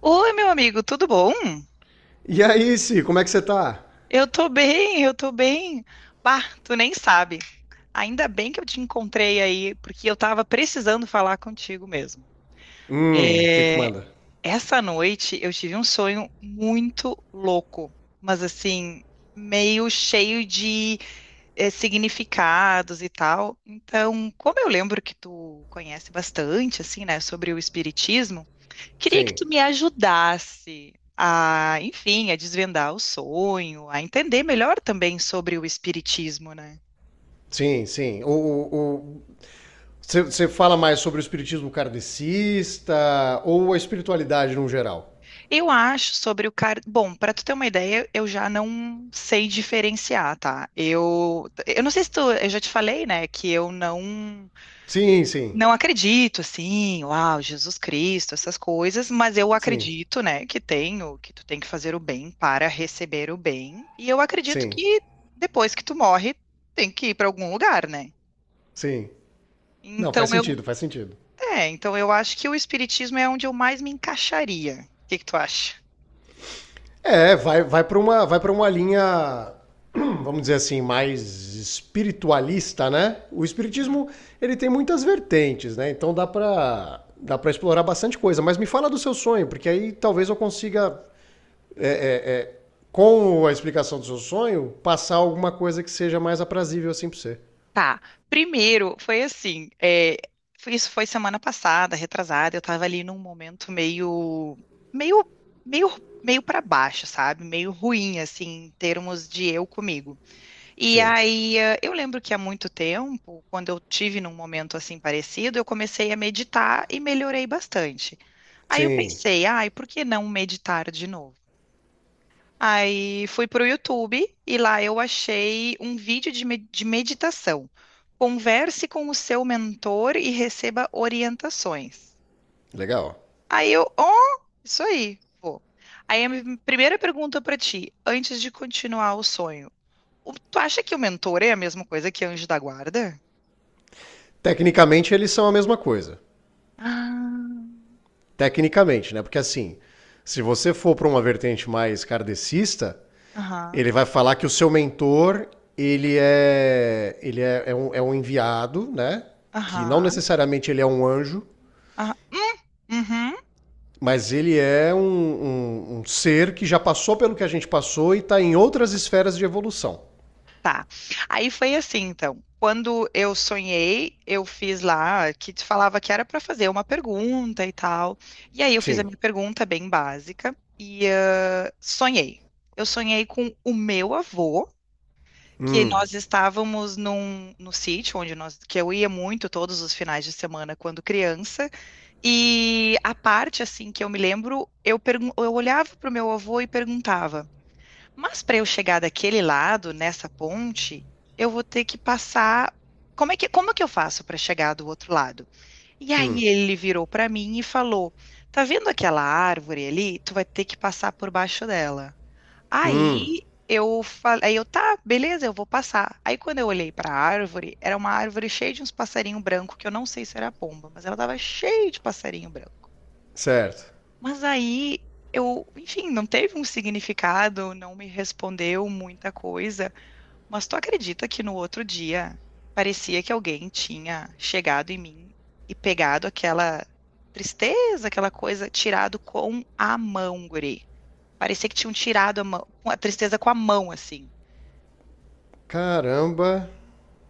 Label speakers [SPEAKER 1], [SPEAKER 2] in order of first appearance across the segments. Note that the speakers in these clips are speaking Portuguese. [SPEAKER 1] Oi, meu amigo, tudo bom?
[SPEAKER 2] E aí, Si, como é que você tá?
[SPEAKER 1] Eu tô bem, eu tô bem. Bah, tu nem sabe. Ainda bem que eu te encontrei aí, porque eu tava precisando falar contigo mesmo.
[SPEAKER 2] O que que
[SPEAKER 1] É,
[SPEAKER 2] manda?
[SPEAKER 1] Essa noite eu tive um sonho muito louco, mas assim, meio cheio de significados e tal. Então, como eu lembro que tu conhece bastante, assim, né, sobre o espiritismo. Queria que
[SPEAKER 2] Sim,
[SPEAKER 1] tu me ajudasse a, enfim, a desvendar o sonho, a entender melhor também sobre o espiritismo, né?
[SPEAKER 2] sim, sim. Você fala mais sobre o espiritismo kardecista ou a espiritualidade no geral?
[SPEAKER 1] Eu acho sobre o car... Bom, para tu ter uma ideia, eu já não sei diferenciar, tá? Eu não sei se tu, eu já te falei, né, que eu não
[SPEAKER 2] Sim, sim,
[SPEAKER 1] não acredito assim, uau, Jesus Cristo, essas coisas, mas eu
[SPEAKER 2] sim,
[SPEAKER 1] acredito, né, que tu tem que fazer o bem para receber o bem, e eu acredito
[SPEAKER 2] sim,
[SPEAKER 1] que depois que tu morre, tem que ir para algum lugar, né?
[SPEAKER 2] sim. Não,
[SPEAKER 1] Então
[SPEAKER 2] faz
[SPEAKER 1] eu,
[SPEAKER 2] sentido, faz sentido.
[SPEAKER 1] então eu acho que o espiritismo é onde eu mais me encaixaria. O que que tu acha?
[SPEAKER 2] É, vai para uma, vai para uma linha, vamos dizer assim, mais espiritualista, né? O
[SPEAKER 1] Uhum.
[SPEAKER 2] espiritismo, ele tem muitas vertentes, né? Então dá para explorar bastante coisa, mas me fala do seu sonho, porque aí talvez eu consiga com a explicação do seu sonho passar alguma coisa que seja mais aprazível assim para você.
[SPEAKER 1] Tá. Primeiro, foi assim, isso foi semana passada, retrasada, eu tava ali num momento meio, meio, meio para baixo, sabe? Meio ruim, assim, em termos de eu comigo. E
[SPEAKER 2] Sim.
[SPEAKER 1] aí, eu lembro que há muito tempo, quando eu tive num momento assim parecido, eu comecei a meditar e melhorei bastante. Aí eu
[SPEAKER 2] Sim,
[SPEAKER 1] pensei, ai, por que não meditar de novo? Aí fui pro YouTube e lá eu achei um vídeo de meditação. Converse com o seu mentor e receba orientações.
[SPEAKER 2] legal.
[SPEAKER 1] Aí eu, oh, isso aí, vou. Aí a minha primeira pergunta para ti, antes de continuar o sonho, tu acha que o mentor é a mesma coisa que anjo da guarda?
[SPEAKER 2] Tecnicamente eles são a mesma coisa.
[SPEAKER 1] Ah,
[SPEAKER 2] Tecnicamente, né? Porque assim, se você for para uma vertente mais kardecista,
[SPEAKER 1] aham,
[SPEAKER 2] ele vai falar que o seu mentor, ele é um enviado, né? Que não
[SPEAKER 1] aham,
[SPEAKER 2] necessariamente ele é um anjo,
[SPEAKER 1] aham. Uhum.
[SPEAKER 2] mas ele é um, um ser que já passou pelo que a gente passou e está em outras esferas de evolução.
[SPEAKER 1] Tá. Aí foi assim, então. Quando eu sonhei, eu fiz lá que te falava que era para fazer uma pergunta e tal. E aí eu fiz a
[SPEAKER 2] Sim,
[SPEAKER 1] minha pergunta bem básica e ah, sonhei. Eu sonhei com o meu avô, que nós estávamos num no sítio onde nós que eu ia muito todos os finais de semana quando criança. E a parte assim que eu me lembro, eu olhava para o meu avô e perguntava mas para eu chegar daquele lado, nessa ponte, eu vou ter que passar. Como é que eu faço para chegar do outro lado? E aí ele virou para mim e falou: Tá vendo aquela árvore ali? Tu vai ter que passar por baixo dela. Aí eu falei, eu tá, beleza, eu vou passar. Aí quando eu olhei para a árvore, era uma árvore cheia de uns passarinhos brancos, que eu não sei se era pomba, mas ela tava cheia de passarinho branco.
[SPEAKER 2] certo.
[SPEAKER 1] Mas aí eu, enfim, não teve um significado, não me respondeu muita coisa. Mas tu acredita que no outro dia parecia que alguém tinha chegado em mim e pegado aquela tristeza, aquela coisa, tirado com a mão, guri. Parecia que tinham tirado a mão, a tristeza com a mão, assim.
[SPEAKER 2] Caramba.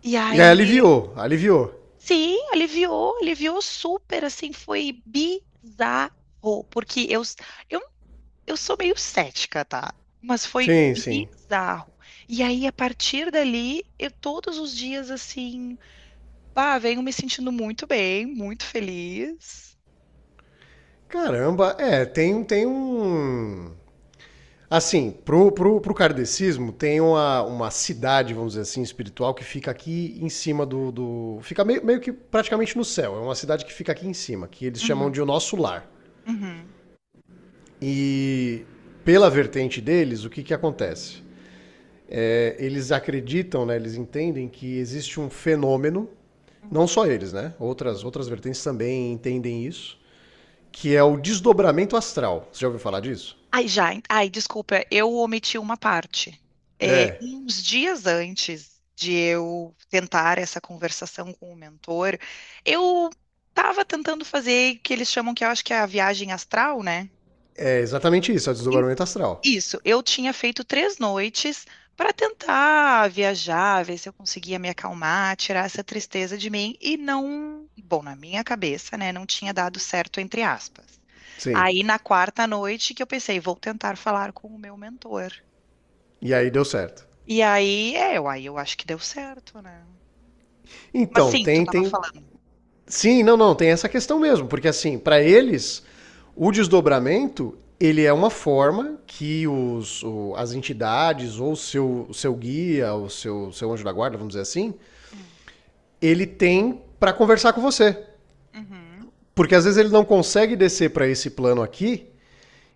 [SPEAKER 1] E
[SPEAKER 2] E aí
[SPEAKER 1] aí,
[SPEAKER 2] aliviou, aliviou.
[SPEAKER 1] sim, aliviou, aliviou super, assim, foi bizarro, porque eu Eu sou meio cética, tá? Mas foi
[SPEAKER 2] Sim, sim.
[SPEAKER 1] bizarro. E aí, a partir dali, eu todos os dias assim, pá, venho me sentindo muito bem, muito feliz.
[SPEAKER 2] Caramba, é, tem um. Assim, pro kardecismo tem uma cidade, vamos dizer assim, espiritual que fica aqui em cima do. Fica meio, meio que praticamente no céu. É uma cidade que fica aqui em cima, que eles chamam
[SPEAKER 1] Uhum,
[SPEAKER 2] de o nosso lar.
[SPEAKER 1] uhum,
[SPEAKER 2] E pela vertente deles, o que acontece? É, eles acreditam, né, eles entendem que existe um fenômeno, não
[SPEAKER 1] uhum,
[SPEAKER 2] só eles, né? Outras, outras
[SPEAKER 1] uhum.
[SPEAKER 2] vertentes também entendem isso, que é o desdobramento astral. Você já ouviu falar disso?
[SPEAKER 1] Ai, já, ai, desculpa, eu omiti uma parte.
[SPEAKER 2] É,
[SPEAKER 1] Uns dias antes de eu tentar essa conversação com o mentor, eu estava tentando fazer o que eles chamam, que eu acho que é a viagem astral, né?
[SPEAKER 2] é exatamente isso, é o desdobramento astral.
[SPEAKER 1] Isso, eu tinha feito 3 noites para tentar viajar, ver se eu conseguia me acalmar, tirar essa tristeza de mim e não, bom, na minha cabeça, né, não tinha dado certo, entre aspas.
[SPEAKER 2] Sim.
[SPEAKER 1] Aí na quarta noite que eu pensei, vou tentar falar com o meu mentor.
[SPEAKER 2] E aí deu certo.
[SPEAKER 1] E aí, aí eu acho que deu certo, né? Mas
[SPEAKER 2] Então,
[SPEAKER 1] sim, tu
[SPEAKER 2] tem,
[SPEAKER 1] estava
[SPEAKER 2] tem.
[SPEAKER 1] falando.
[SPEAKER 2] Sim, não, não, tem essa questão mesmo, porque assim, para eles, o desdobramento ele é uma forma que as entidades ou o seu, seu guia, o seu, seu anjo da guarda, vamos dizer assim,
[SPEAKER 1] Hum.
[SPEAKER 2] ele tem para conversar com você.
[SPEAKER 1] Uhum,
[SPEAKER 2] Porque às vezes ele não consegue descer para esse plano aqui.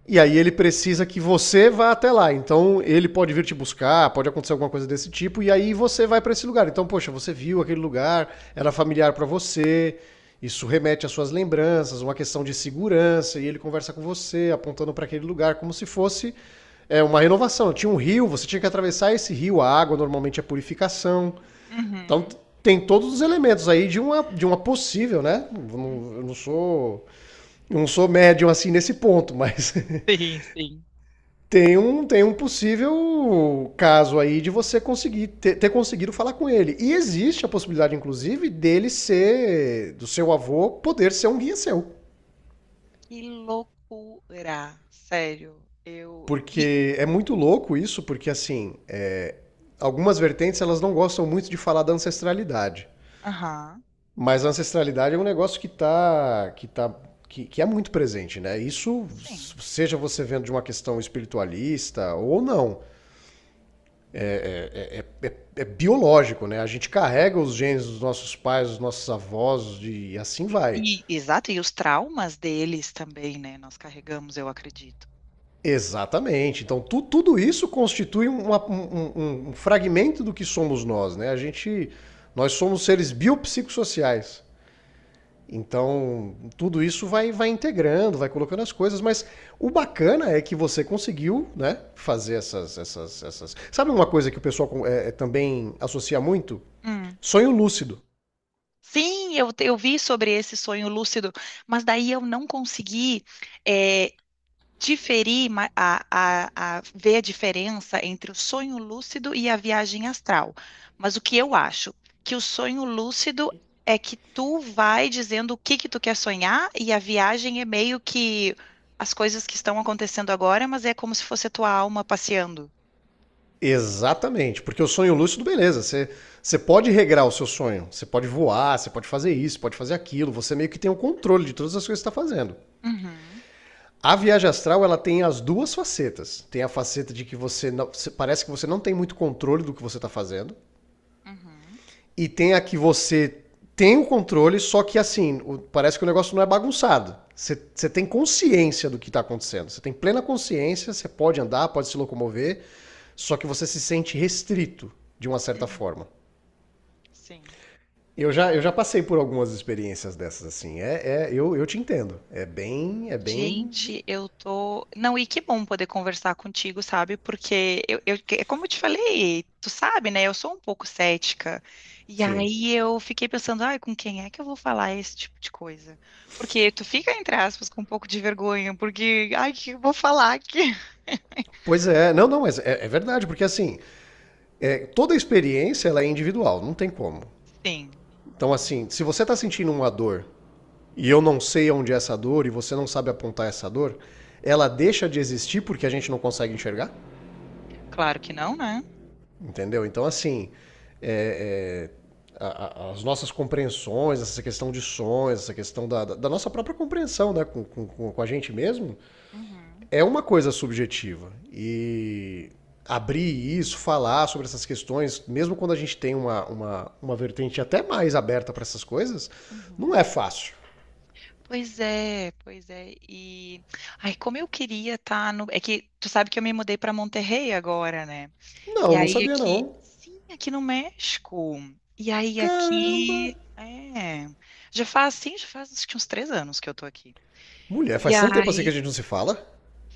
[SPEAKER 2] E aí ele precisa que você vá até lá. Então ele pode vir te buscar, pode acontecer alguma coisa desse tipo, e aí você vai para esse lugar. Então, poxa, você viu aquele lugar, era familiar para você, isso remete às suas lembranças, uma questão de segurança, e ele conversa com você, apontando para aquele lugar como se fosse é, uma renovação. Tinha um rio, você tinha que atravessar esse rio, a água normalmente é purificação. Então
[SPEAKER 1] uhum.
[SPEAKER 2] tem todos os elementos aí de uma possível, né? Eu não sou médium assim nesse ponto, mas
[SPEAKER 1] Sim, sim.
[SPEAKER 2] tem um, tem um possível caso aí de você conseguir ter, ter conseguido falar com ele. E existe a possibilidade, inclusive, dele ser, do seu avô, poder ser um guia seu.
[SPEAKER 1] Que loucura, sério.
[SPEAKER 2] Porque é muito louco isso, porque assim, é, algumas vertentes elas não gostam muito de falar da ancestralidade.
[SPEAKER 1] Aham,
[SPEAKER 2] Mas a ancestralidade é um negócio que tá que é muito presente, né? Isso,
[SPEAKER 1] sim.
[SPEAKER 2] seja você vendo de uma questão espiritualista ou não. É, é biológico, né? A gente carrega os genes dos nossos pais, dos nossos avós de, e assim vai.
[SPEAKER 1] E, exato, e os traumas deles também, né? Nós carregamos, eu acredito.
[SPEAKER 2] Exatamente. Então, tudo isso constitui uma- um, um fragmento do que somos nós, né? A gente, nós somos seres biopsicossociais. Então, tudo isso vai, vai integrando, vai colocando as coisas, mas o bacana é que você conseguiu, né, fazer essas... Sabe uma coisa que o pessoal é, é, também associa muito?
[SPEAKER 1] Hum.
[SPEAKER 2] Sonho lúcido.
[SPEAKER 1] Sim, eu vi sobre esse sonho lúcido, mas daí eu não consegui. eh, diferir ma- a, a ver a diferença entre o sonho lúcido e a viagem astral. Mas o que eu acho? Que o sonho lúcido é que tu vai dizendo o que que tu quer sonhar e a viagem é meio que as coisas que estão acontecendo agora, mas é como se fosse a tua alma passeando.
[SPEAKER 2] Exatamente, porque o sonho lúcido, beleza, você, você pode regrar o seu sonho, você pode voar, você pode fazer isso, pode fazer aquilo, você meio que tem o controle de todas as coisas que está fazendo.
[SPEAKER 1] Uhum,
[SPEAKER 2] A viagem astral, ela tem as duas facetas. Tem a faceta de que você não- parece que você não tem muito controle do que você está fazendo,
[SPEAKER 1] uhum,
[SPEAKER 2] e tem a que você tem o controle, só que assim, parece que o negócio não é bagunçado. Você tem consciência do que está acontecendo. Você tem plena consciência, você pode andar, pode se locomover, só que você se sente restrito de uma certa
[SPEAKER 1] uhum.
[SPEAKER 2] forma.
[SPEAKER 1] Sim.
[SPEAKER 2] Eu já passei por algumas experiências dessas, assim. É, é- eu te entendo. É bem. É bem.
[SPEAKER 1] Gente, eu tô. Não, e que bom poder conversar contigo, sabe? Porque é como eu te falei, tu sabe, né? Eu sou um pouco cética. E
[SPEAKER 2] Sim.
[SPEAKER 1] aí eu fiquei pensando, ai, com quem é que eu vou falar esse tipo de coisa? Porque tu fica, entre aspas, com um pouco de vergonha, porque, ai, o que eu vou falar aqui?
[SPEAKER 2] Pois é, não, não, mas é, é verdade, porque assim, é, toda experiência ela é individual, não tem como.
[SPEAKER 1] Sim,
[SPEAKER 2] Então, assim, se você está sentindo uma dor e eu não sei onde é essa dor e você não sabe apontar essa dor, ela deixa de existir porque a gente não consegue enxergar,
[SPEAKER 1] claro que não, né?
[SPEAKER 2] entendeu? Então, assim, é, é, as nossas compreensões, essa questão de sonhos, essa questão da, da nossa própria compreensão né, com, com a gente mesmo,
[SPEAKER 1] Uhum,
[SPEAKER 2] é uma coisa subjetiva. E abrir isso, falar sobre essas questões, mesmo quando a gente tem uma vertente até mais aberta para essas coisas, não
[SPEAKER 1] uhum.
[SPEAKER 2] é fácil.
[SPEAKER 1] Pois é, pois é. E ai, como eu queria estar no. É que tu sabe que eu me mudei para Monterrey agora, né? E
[SPEAKER 2] Não, não
[SPEAKER 1] aí
[SPEAKER 2] sabia
[SPEAKER 1] aqui,
[SPEAKER 2] não.
[SPEAKER 1] sim, aqui no México. E aí
[SPEAKER 2] Caramba!
[SPEAKER 1] aqui. Já faz, sim, já faz acho que uns 3 anos que eu tô aqui.
[SPEAKER 2] Mulher,
[SPEAKER 1] E
[SPEAKER 2] faz tanto tempo assim que
[SPEAKER 1] aí,
[SPEAKER 2] a gente não se fala.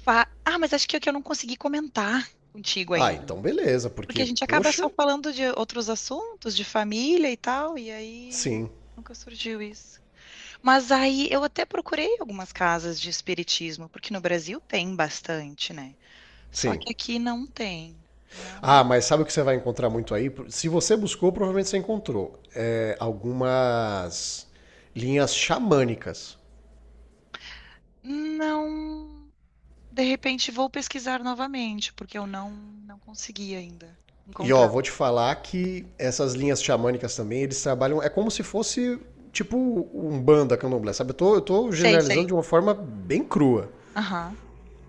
[SPEAKER 1] mas acho que é que eu não consegui comentar contigo
[SPEAKER 2] Ah,
[SPEAKER 1] ainda,
[SPEAKER 2] então beleza,
[SPEAKER 1] porque
[SPEAKER 2] porque,
[SPEAKER 1] a gente acaba só
[SPEAKER 2] poxa,
[SPEAKER 1] falando de outros assuntos, de família e tal, e aí
[SPEAKER 2] sim,
[SPEAKER 1] nunca surgiu isso. Mas aí eu até procurei algumas casas de espiritismo, porque no Brasil tem bastante, né? Só
[SPEAKER 2] sim.
[SPEAKER 1] que aqui não tem. Não,
[SPEAKER 2] Ah, mas sabe o que você vai encontrar muito aí? Se você buscou, provavelmente você encontrou é, algumas linhas xamânicas.
[SPEAKER 1] não. De repente vou pesquisar novamente, porque eu não consegui ainda
[SPEAKER 2] E ó,
[SPEAKER 1] encontrar.
[SPEAKER 2] vou te falar que essas linhas xamânicas também, eles trabalham. É como se fosse tipo um banda candomblé, sabe? Eu tô
[SPEAKER 1] Sei,
[SPEAKER 2] generalizando
[SPEAKER 1] sei.
[SPEAKER 2] de uma forma bem crua.
[SPEAKER 1] Aham.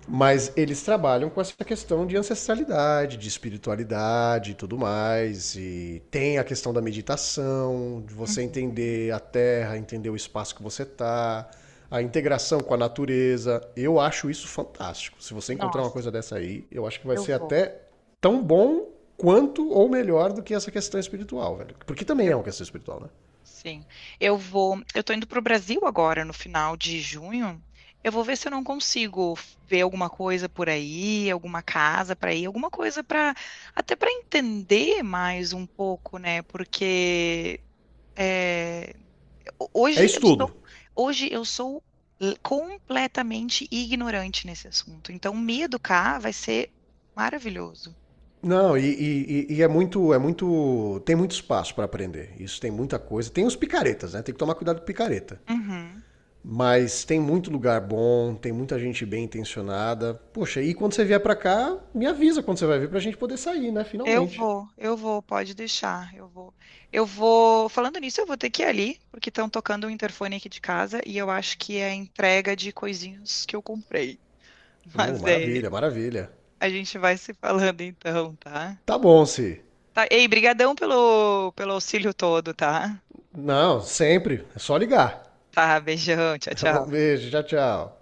[SPEAKER 2] Mas eles trabalham com essa questão de ancestralidade, de espiritualidade e tudo mais. E tem a questão da meditação, de você
[SPEAKER 1] Uhum.
[SPEAKER 2] entender a terra, entender o espaço que você está, a integração com a natureza. Eu acho isso fantástico. Se você encontrar uma
[SPEAKER 1] Nossa,
[SPEAKER 2] coisa dessa aí, eu acho que vai
[SPEAKER 1] eu
[SPEAKER 2] ser
[SPEAKER 1] vou.
[SPEAKER 2] até tão bom quanto ou melhor do que essa questão espiritual, velho. Porque também é uma questão espiritual, né?
[SPEAKER 1] Sim. Eu tô indo pro Brasil agora no final de junho. Eu vou ver se eu não consigo ver alguma coisa por aí, alguma casa para ir, alguma coisa para entender mais um pouco, né? Porque é,
[SPEAKER 2] É
[SPEAKER 1] hoje eu
[SPEAKER 2] estudo.
[SPEAKER 1] sou completamente ignorante nesse assunto. Então me educar vai ser maravilhoso.
[SPEAKER 2] Não, e, e é muito, tem muito espaço para aprender. Isso tem muita coisa. Tem os picaretas, né? Tem que tomar cuidado com picareta. Mas tem muito lugar bom, tem muita gente bem intencionada. Poxa, e quando você vier para cá, me avisa quando você vai vir pra gente poder sair, né? Finalmente.
[SPEAKER 1] Eu vou, pode deixar, eu vou. Eu vou, falando nisso, eu vou ter que ir ali, porque estão tocando o interfone aqui de casa e eu acho que é a entrega de coisinhas que eu comprei. Mas
[SPEAKER 2] Maravilha, maravilha.
[SPEAKER 1] a gente vai se falando então, tá?
[SPEAKER 2] Tá bom, Si.
[SPEAKER 1] Tá, ei, brigadão pelo auxílio todo, tá?
[SPEAKER 2] Não, sempre. É só ligar.
[SPEAKER 1] Tá, beijão, tchau,
[SPEAKER 2] Tá
[SPEAKER 1] tchau.
[SPEAKER 2] bom, beijo, tchau, tchau.